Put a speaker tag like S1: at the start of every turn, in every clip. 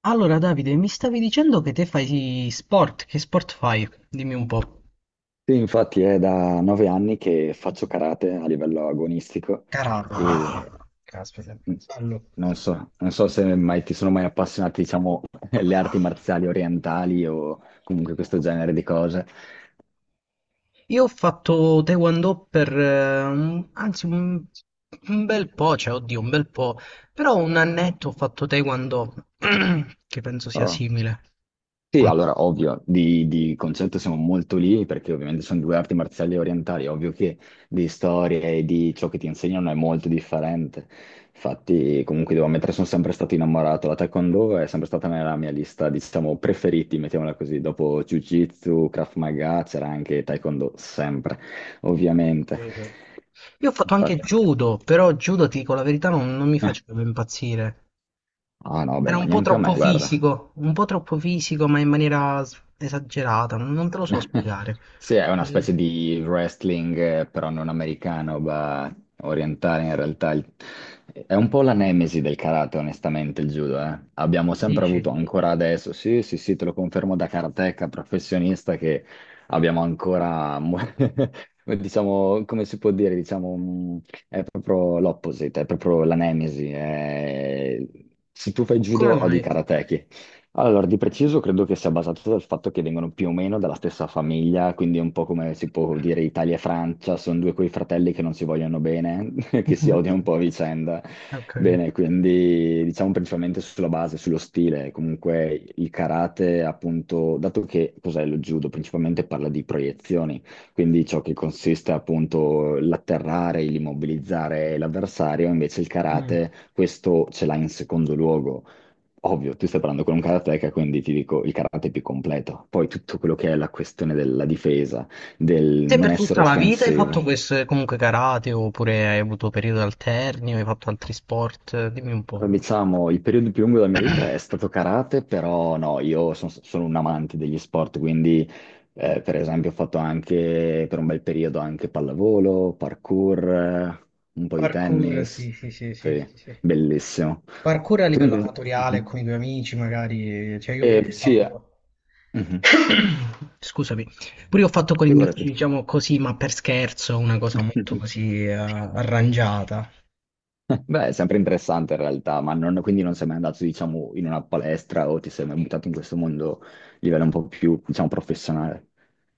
S1: Allora, Davide, mi stavi dicendo che te fai sport, che sport fai? Dimmi un po'.
S2: Sì, infatti è da 9 anni che faccio karate a livello agonistico
S1: Caramba,
S2: e
S1: caspita, bello.
S2: non so se mai ti sono mai appassionati, diciamo, le arti marziali orientali o comunque questo genere di cose.
S1: Io ho fatto Taekwondo per, un- anzi, un bel po', cioè, oddio, un bel po', però un annetto ho fatto Taekwondo, che penso sia
S2: Oh.
S1: simile. O
S2: Sì,
S1: no?
S2: allora, ovvio, di concetto siamo molto lì perché ovviamente sono due arti marziali orientali, ovvio che di storia e di ciò che ti insegnano è molto differente. Infatti, comunque devo ammettere, sono sempre stato innamorato. La Taekwondo è sempre stata nella mia lista, diciamo, preferiti, mettiamola così. Dopo Jiu-Jitsu, Krav Maga, c'era anche Taekwondo, sempre, ovviamente.
S1: Capito. Io ho fatto anche
S2: Infatti.
S1: judo, però judo, ti dico la verità, non mi faceva impazzire.
S2: Ah no, beh,
S1: Era
S2: ma
S1: un po'
S2: neanche a me,
S1: troppo
S2: guarda.
S1: fisico, un po' troppo fisico, ma in maniera s- esagerata, non te lo so spiegare.
S2: Sì, è una
S1: Mm,
S2: specie di wrestling, però non americano, ma orientale in realtà. È un po' la nemesi del karate, onestamente, il judo, eh. Abbiamo sempre
S1: dici,
S2: avuto, ancora adesso, sì, sì, sì, te lo confermo da karateka professionista, che abbiamo ancora, diciamo, come si può dire, diciamo, è proprio l'opposite, è proprio la nemesi. Se tu fai
S1: come
S2: judo, odi i
S1: mai?
S2: karateki. Allora, di preciso credo che sia basato dal fatto che vengono più o meno dalla stessa famiglia, quindi è un po' come si può dire Italia e Francia, sono due quei fratelli che non si vogliono bene, che si odiano un po' a vicenda.
S1: Ho capito.
S2: Bene, quindi diciamo principalmente sulla base, sullo stile, comunque il karate, appunto, dato che cos'è lo judo, principalmente parla di proiezioni, quindi ciò che consiste appunto l'atterrare, l'immobilizzare l'avversario, invece il
S1: Mm.
S2: karate questo ce l'ha in secondo luogo. Ovvio, tu stai parlando con un karateka, quindi ti dico il karate è più completo. Poi tutto quello che è la questione della difesa, del
S1: Te
S2: non
S1: per
S2: essere
S1: tutta la vita hai
S2: offensivo.
S1: fatto questo, comunque karate, oppure hai avuto periodi alterni, o hai fatto altri sport? Dimmi un po'.
S2: Diciamo, il periodo più lungo della mia vita è stato karate, però no, io sono un amante degli sport, quindi per esempio ho fatto anche per un bel periodo anche pallavolo, parkour, un po' di
S1: Parkour, sì,
S2: tennis.
S1: sì, sì, sì,
S2: Sì,
S1: sì, sì.
S2: bellissimo.
S1: Parkour a
S2: Tu
S1: livello
S2: invece?
S1: amatoriale
S2: Mhm.
S1: con i tuoi amici, magari. Cioè, io boh, ho
S2: Sì, eh.
S1: fatto.
S2: Mhm.
S1: Scusami, pure io ho fatto con i miei
S2: Figurati.
S1: amici, diciamo così, ma per scherzo, una cosa molto così arrangiata.
S2: Beh, è sempre interessante in realtà, ma quindi non sei mai andato, diciamo, in una palestra o ti sei mai buttato in questo mondo a livello un po' più, diciamo, professionale.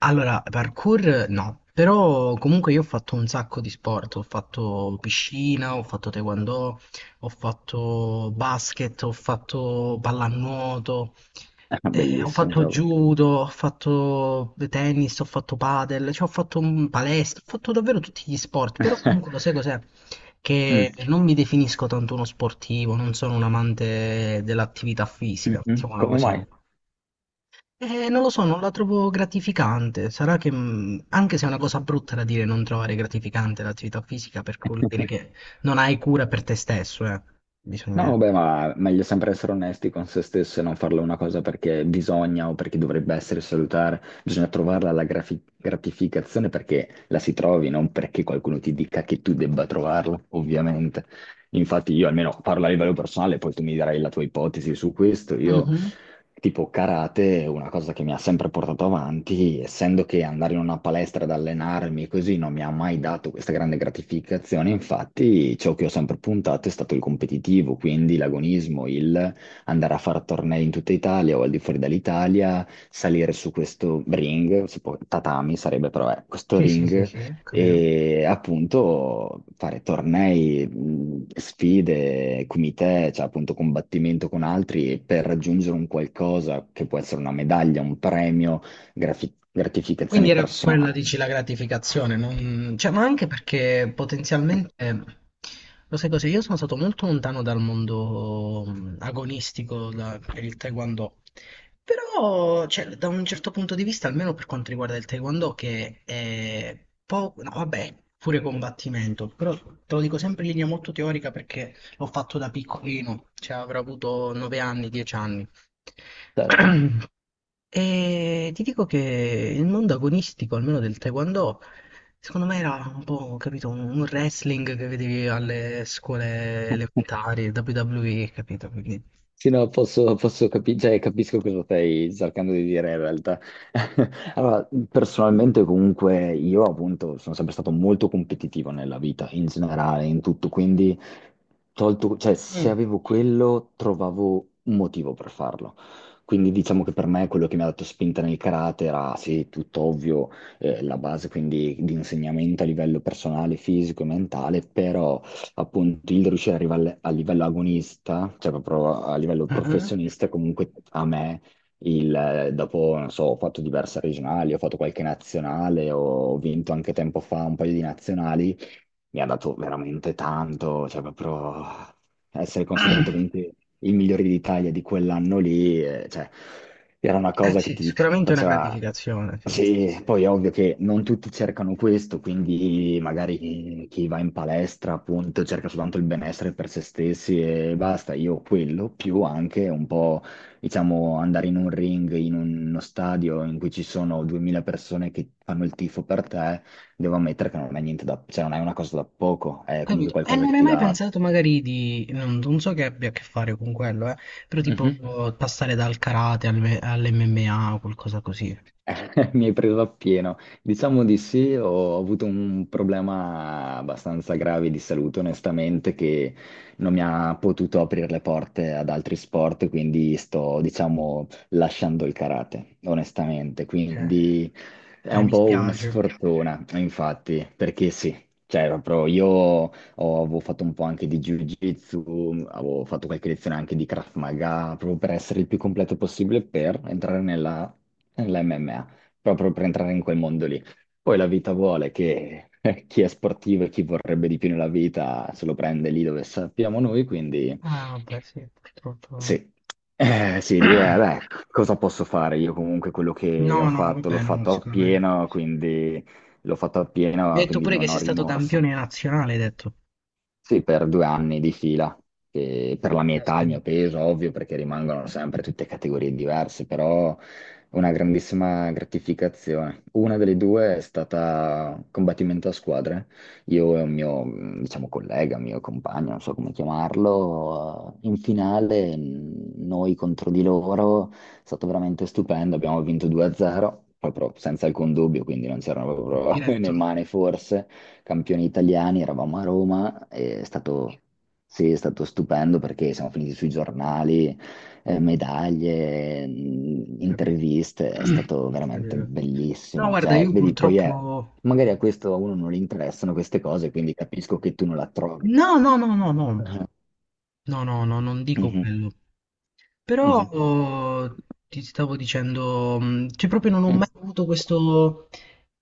S1: Allora, parkour no, però comunque io ho fatto un sacco di sport, ho fatto piscina, ho fatto taekwondo, ho fatto basket, ho fatto pallanuoto, eh, ho
S2: Bellissimo,
S1: fatto
S2: proprio.
S1: judo, ho fatto tennis, ho fatto padel, cioè ho fatto palestra, ho fatto davvero tutti gli sport, però comunque lo sai cos'è?
S2: Mm.
S1: Che non mi definisco tanto uno sportivo, non sono un amante dell'attività fisica,
S2: Mhm.
S1: mettiamola
S2: Come
S1: così.
S2: mai?
S1: Non lo so, non la trovo gratificante. Sarà che, anche se è una cosa brutta da dire, non trovare gratificante l'attività fisica, perché vuol dire che non hai cura per te stesso, eh.
S2: No,
S1: Bisogna...
S2: vabbè, ma meglio sempre essere onesti con se stessi e non farlo una cosa perché bisogna o perché dovrebbe essere salutare. Bisogna trovarla la gratificazione perché la si trovi, non perché qualcuno ti dica che tu debba trovarla, ovviamente. Infatti io almeno parlo a livello personale, poi tu mi darai la tua ipotesi su questo. Io,
S1: Mhm.
S2: tipo karate, è una cosa che mi ha sempre portato avanti, essendo che andare in una palestra ad allenarmi così non mi ha mai dato questa grande gratificazione, infatti ciò che ho sempre puntato è stato il competitivo, quindi l'agonismo, il andare a fare tornei in tutta Italia o al di fuori dall'Italia, salire su questo ring, si può, tatami sarebbe però questo
S1: Sì, sì, sì,
S2: ring
S1: sì, capito.
S2: e appunto fare tornei, sfide, comitè, cioè appunto combattimento con altri per raggiungere un qualcosa che può essere una medaglia, un premio,
S1: Quindi
S2: gratificazione
S1: era quella, dici,
S2: personale.
S1: la gratificazione, non- cioè, ma anche perché potenzialmente, lo sai cosa, io sono stato molto lontano dal mondo agonistico da- per il Taekwondo, però, cioè, da un certo punto di vista, almeno per quanto riguarda il Taekwondo, che è poco, no, vabbè, pure combattimento, però te lo dico sempre in linea molto teorica perché l'ho fatto da piccolino, cioè avrò avuto 9 anni, 10 anni. E ti dico che il mondo agonistico, almeno del Taekwondo, secondo me era un po', capito, un wrestling che vedevi alle scuole elementari, WWE, capito? Quindi,
S2: Sì, no, posso cioè, capisco cosa stai cercando di dire in realtà. Allora, personalmente comunque io appunto sono sempre stato molto competitivo nella vita, in generale, in tutto, quindi tolto, cioè, se
S1: mm.
S2: avevo quello trovavo un motivo per farlo. Quindi diciamo che per me quello che mi ha dato spinta nel karate era, sì, tutto ovvio, la base quindi di insegnamento a livello personale, fisico e mentale, però appunto il riuscire ad arrivare a livello agonista, cioè proprio a livello
S1: Mhm.
S2: professionista, comunque a me, dopo, non so, ho fatto diverse regionali, ho fatto qualche nazionale, ho vinto anche tempo fa un paio di nazionali, mi ha dato veramente tanto, cioè proprio essere considerato comunque il migliore d'Italia di quell'anno lì, cioè era una
S1: Eh
S2: cosa che
S1: sì,
S2: ti
S1: sicuramente è una
S2: faceva.
S1: gratificazione, sì, sì, sì.
S2: Sì,
S1: Sì. Mm.
S2: poi è ovvio che non tutti cercano questo, quindi magari chi va in palestra appunto cerca soltanto il benessere per se stessi e basta, io quello, più anche un po', diciamo, andare in un ring, in uno stadio in cui ci sono 2000 persone che fanno il tifo per te, devo ammettere che non è niente da, cioè non è una cosa da poco, è comunque
S1: Capito? E
S2: qualcosa
S1: non
S2: che
S1: hai
S2: ti
S1: mai
S2: dà.
S1: pensato magari di, non so che abbia a che fare con quello, però tipo
S2: Mhm.
S1: passare dal karate all'MMA o qualcosa così.
S2: Mi hai preso appieno. Diciamo di sì, ho avuto un problema abbastanza grave di salute, onestamente, che non mi ha potuto aprire le porte ad altri sport, quindi sto, diciamo, lasciando il karate, onestamente.
S1: Cioè,
S2: Quindi è un
S1: mi
S2: po' una
S1: spiace.
S2: sfortuna, infatti, perché sì. Cioè, proprio io avevo fatto un po' anche di Jiu-Jitsu, avevo fatto qualche lezione anche di Krav Maga, proprio per essere il più completo possibile per entrare nella l'MMA, proprio per entrare in quel mondo lì. Poi la vita vuole che chi è sportivo e chi vorrebbe di più nella vita se lo prende lì dove sappiamo noi, quindi
S1: Ah, vabbè, sì, purtroppo.
S2: sì. Sì, lì è, beh, cosa posso fare? Io comunque quello
S1: No,
S2: che ho
S1: no, no,
S2: fatto l'ho
S1: vabbè, no,
S2: fatto
S1: sicuramente.
S2: appieno, quindi l'ho fatto
S1: Mi
S2: appieno,
S1: hai detto
S2: quindi
S1: pure che
S2: non ho
S1: sei stato
S2: rimorso.
S1: campione nazionale, hai detto.
S2: Sì, per 2 anni di fila, che per la mia età, il
S1: Caspita,
S2: mio peso, ovvio, perché rimangono sempre tutte categorie diverse, però una grandissima gratificazione. Una delle due è stata combattimento a squadre. Io e un mio, diciamo, collega, mio compagno, non so come chiamarlo, in finale noi contro di loro, è stato veramente stupendo, abbiamo vinto 2-0, proprio senza alcun dubbio, quindi non c'erano proprio né
S1: diretto.
S2: mani forse campioni italiani, eravamo a Roma, e è stato, sì, è stato stupendo perché siamo finiti sui giornali, medaglie,
S1: Capito.
S2: interviste, è stato veramente
S1: Capito. No,
S2: bellissimo.
S1: guarda,
S2: Cioè,
S1: io
S2: vedi, poi è,
S1: purtroppo...
S2: magari a questo a uno non gli interessano queste cose, quindi capisco che tu non la trovi.
S1: No, no, no, no, no.
S2: Mhm,
S1: No, no, no, non dico
S2: mhm,
S1: quello. Però
S2: mhm,
S1: oh, ti stavo dicendo, cioè proprio non ho
S2: mhm.
S1: mai avuto questo...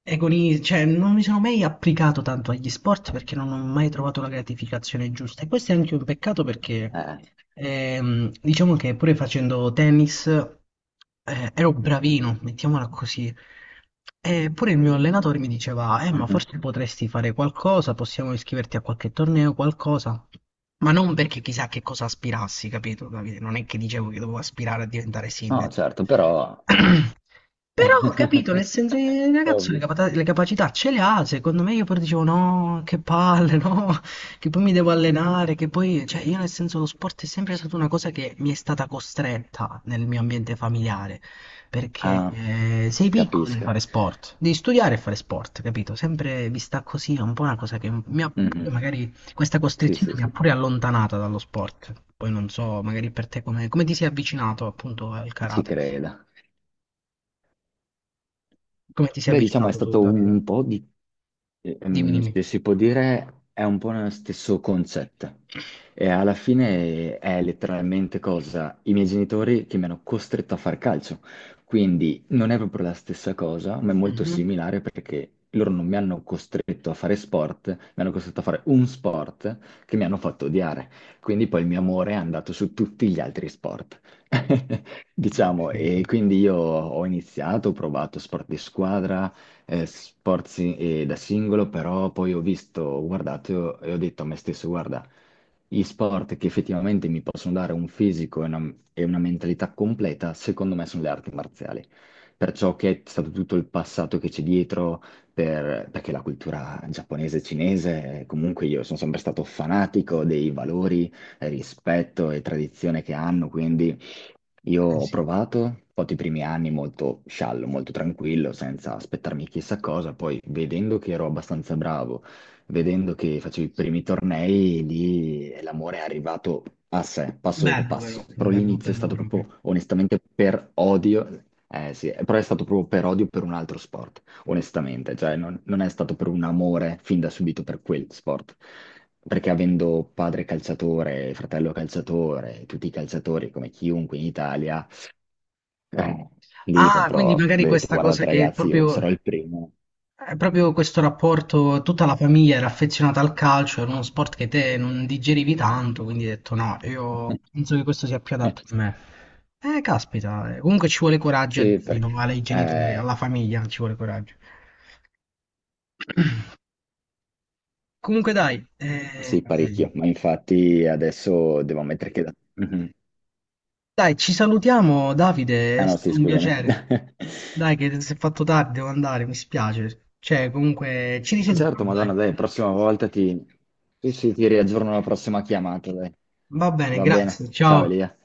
S1: agoni- cioè non mi sono mai applicato tanto agli sport perché non ho mai trovato la gratificazione giusta. E questo è anche un peccato perché
S2: Eh,
S1: diciamo che pure facendo tennis ero bravino, mettiamola così. E pure il mio allenatore mi diceva, ma
S2: mhm.
S1: forse potresti fare qualcosa, possiamo iscriverti a qualche torneo, qualcosa. Ma non perché chissà che cosa aspirassi, capito, Davide? Non è che dicevo che dovevo aspirare a diventare
S2: No,
S1: sindaco.
S2: certo, però.
S1: Però, ho capito, nel senso, il ragazzo le,
S2: Ovvio.
S1: capata- le capacità ce le ha, secondo me io poi dicevo no, che palle, no, che poi mi devo allenare, che poi, cioè io nel senso lo sport è sempre stata una cosa che mi è stata costretta nel mio ambiente familiare, perché
S2: Ah,
S1: sei piccolo devi
S2: capisco.
S1: fare sport, devi studiare e fare sport, capito? Sempre vista così è un po' una cosa che mi ha,
S2: Mhm.
S1: magari questa
S2: Sì,
S1: costrizione
S2: sì,
S1: mi ha
S2: sì,
S1: pure allontanata dallo sport, poi non so, magari per te come, come ti sei avvicinato appunto al
S2: ci
S1: karate.
S2: credo.
S1: Come ti sei
S2: Beh, diciamo è
S1: avvicinato tu,
S2: stato
S1: Davide?
S2: un po' di,
S1: Dimmi, dimmi.
S2: se si può dire, è un po' lo stesso concetto. E alla fine è letteralmente cosa? I miei genitori che mi hanno costretto a far calcio. Quindi non è proprio la stessa cosa, ma è molto
S1: Mhm.
S2: similare perché loro non mi hanno costretto a fare sport, mi hanno costretto a fare un sport che mi hanno fatto odiare. Quindi poi il mio amore è andato su tutti gli altri sport.
S1: No, ho
S2: Diciamo,
S1: capito.
S2: e quindi io ho iniziato, ho provato sport di squadra, da singolo, però poi ho visto, ho guardato e ho detto a me stesso, guarda, gli sport che effettivamente mi possono dare un fisico e una mentalità completa, secondo me sono le arti marziali. Perciò che è stato tutto il passato che c'è dietro, perché la cultura giapponese e cinese, comunque io sono sempre stato fanatico dei valori, rispetto e tradizione che hanno, quindi. Io
S1: Eh
S2: ho
S1: sì.
S2: provato, ho fatto i primi anni molto sciallo, molto tranquillo, senza aspettarmi chissà cosa, poi vedendo che ero abbastanza bravo, vedendo che facevo i primi tornei, lì l'amore è arrivato a sé, passo dopo
S1: Bello però,
S2: passo. Però
S1: bello,
S2: l'inizio è
S1: bello
S2: stato
S1: proprio.
S2: proprio onestamente per odio, eh sì, però è stato proprio per odio per un altro sport onestamente, cioè non è stato per un amore fin da subito per quel sport, perché avendo padre calciatore, fratello calciatore, tutti i calciatori come chiunque in Italia, eh, lì
S1: Ah,
S2: proprio
S1: quindi
S2: ho
S1: magari
S2: detto,
S1: questa cosa
S2: guardate
S1: che
S2: ragazzi, io sarò
S1: proprio,
S2: il primo.
S1: è proprio questo rapporto, tutta la famiglia era affezionata al calcio, era uno sport che te non digerivi tanto, quindi hai detto no, io penso che questo sia più adatto a me. Caspita, comunque ci vuole coraggio a
S2: Sì,
S1: dirlo,
S2: perché.
S1: no, ai genitori,
S2: Eh,
S1: alla famiglia ci vuole coraggio. Comunque dai,
S2: sì, parecchio, ma infatti adesso devo ammettere che. Mhm.
S1: dai, ci salutiamo, Davide,
S2: Ah
S1: è
S2: no, sì,
S1: stato un
S2: scusami.
S1: piacere. Dai, che si è fatto tardi, devo andare, mi spiace. Cioè, comunque, ci
S2: Certo,
S1: risentiamo, dai.
S2: Madonna, dai, prossima volta ti. Sì, sì, ti riaggiorno la prossima chiamata, dai.
S1: Va bene,
S2: Va bene,
S1: grazie,
S2: ciao
S1: ciao.
S2: Elia.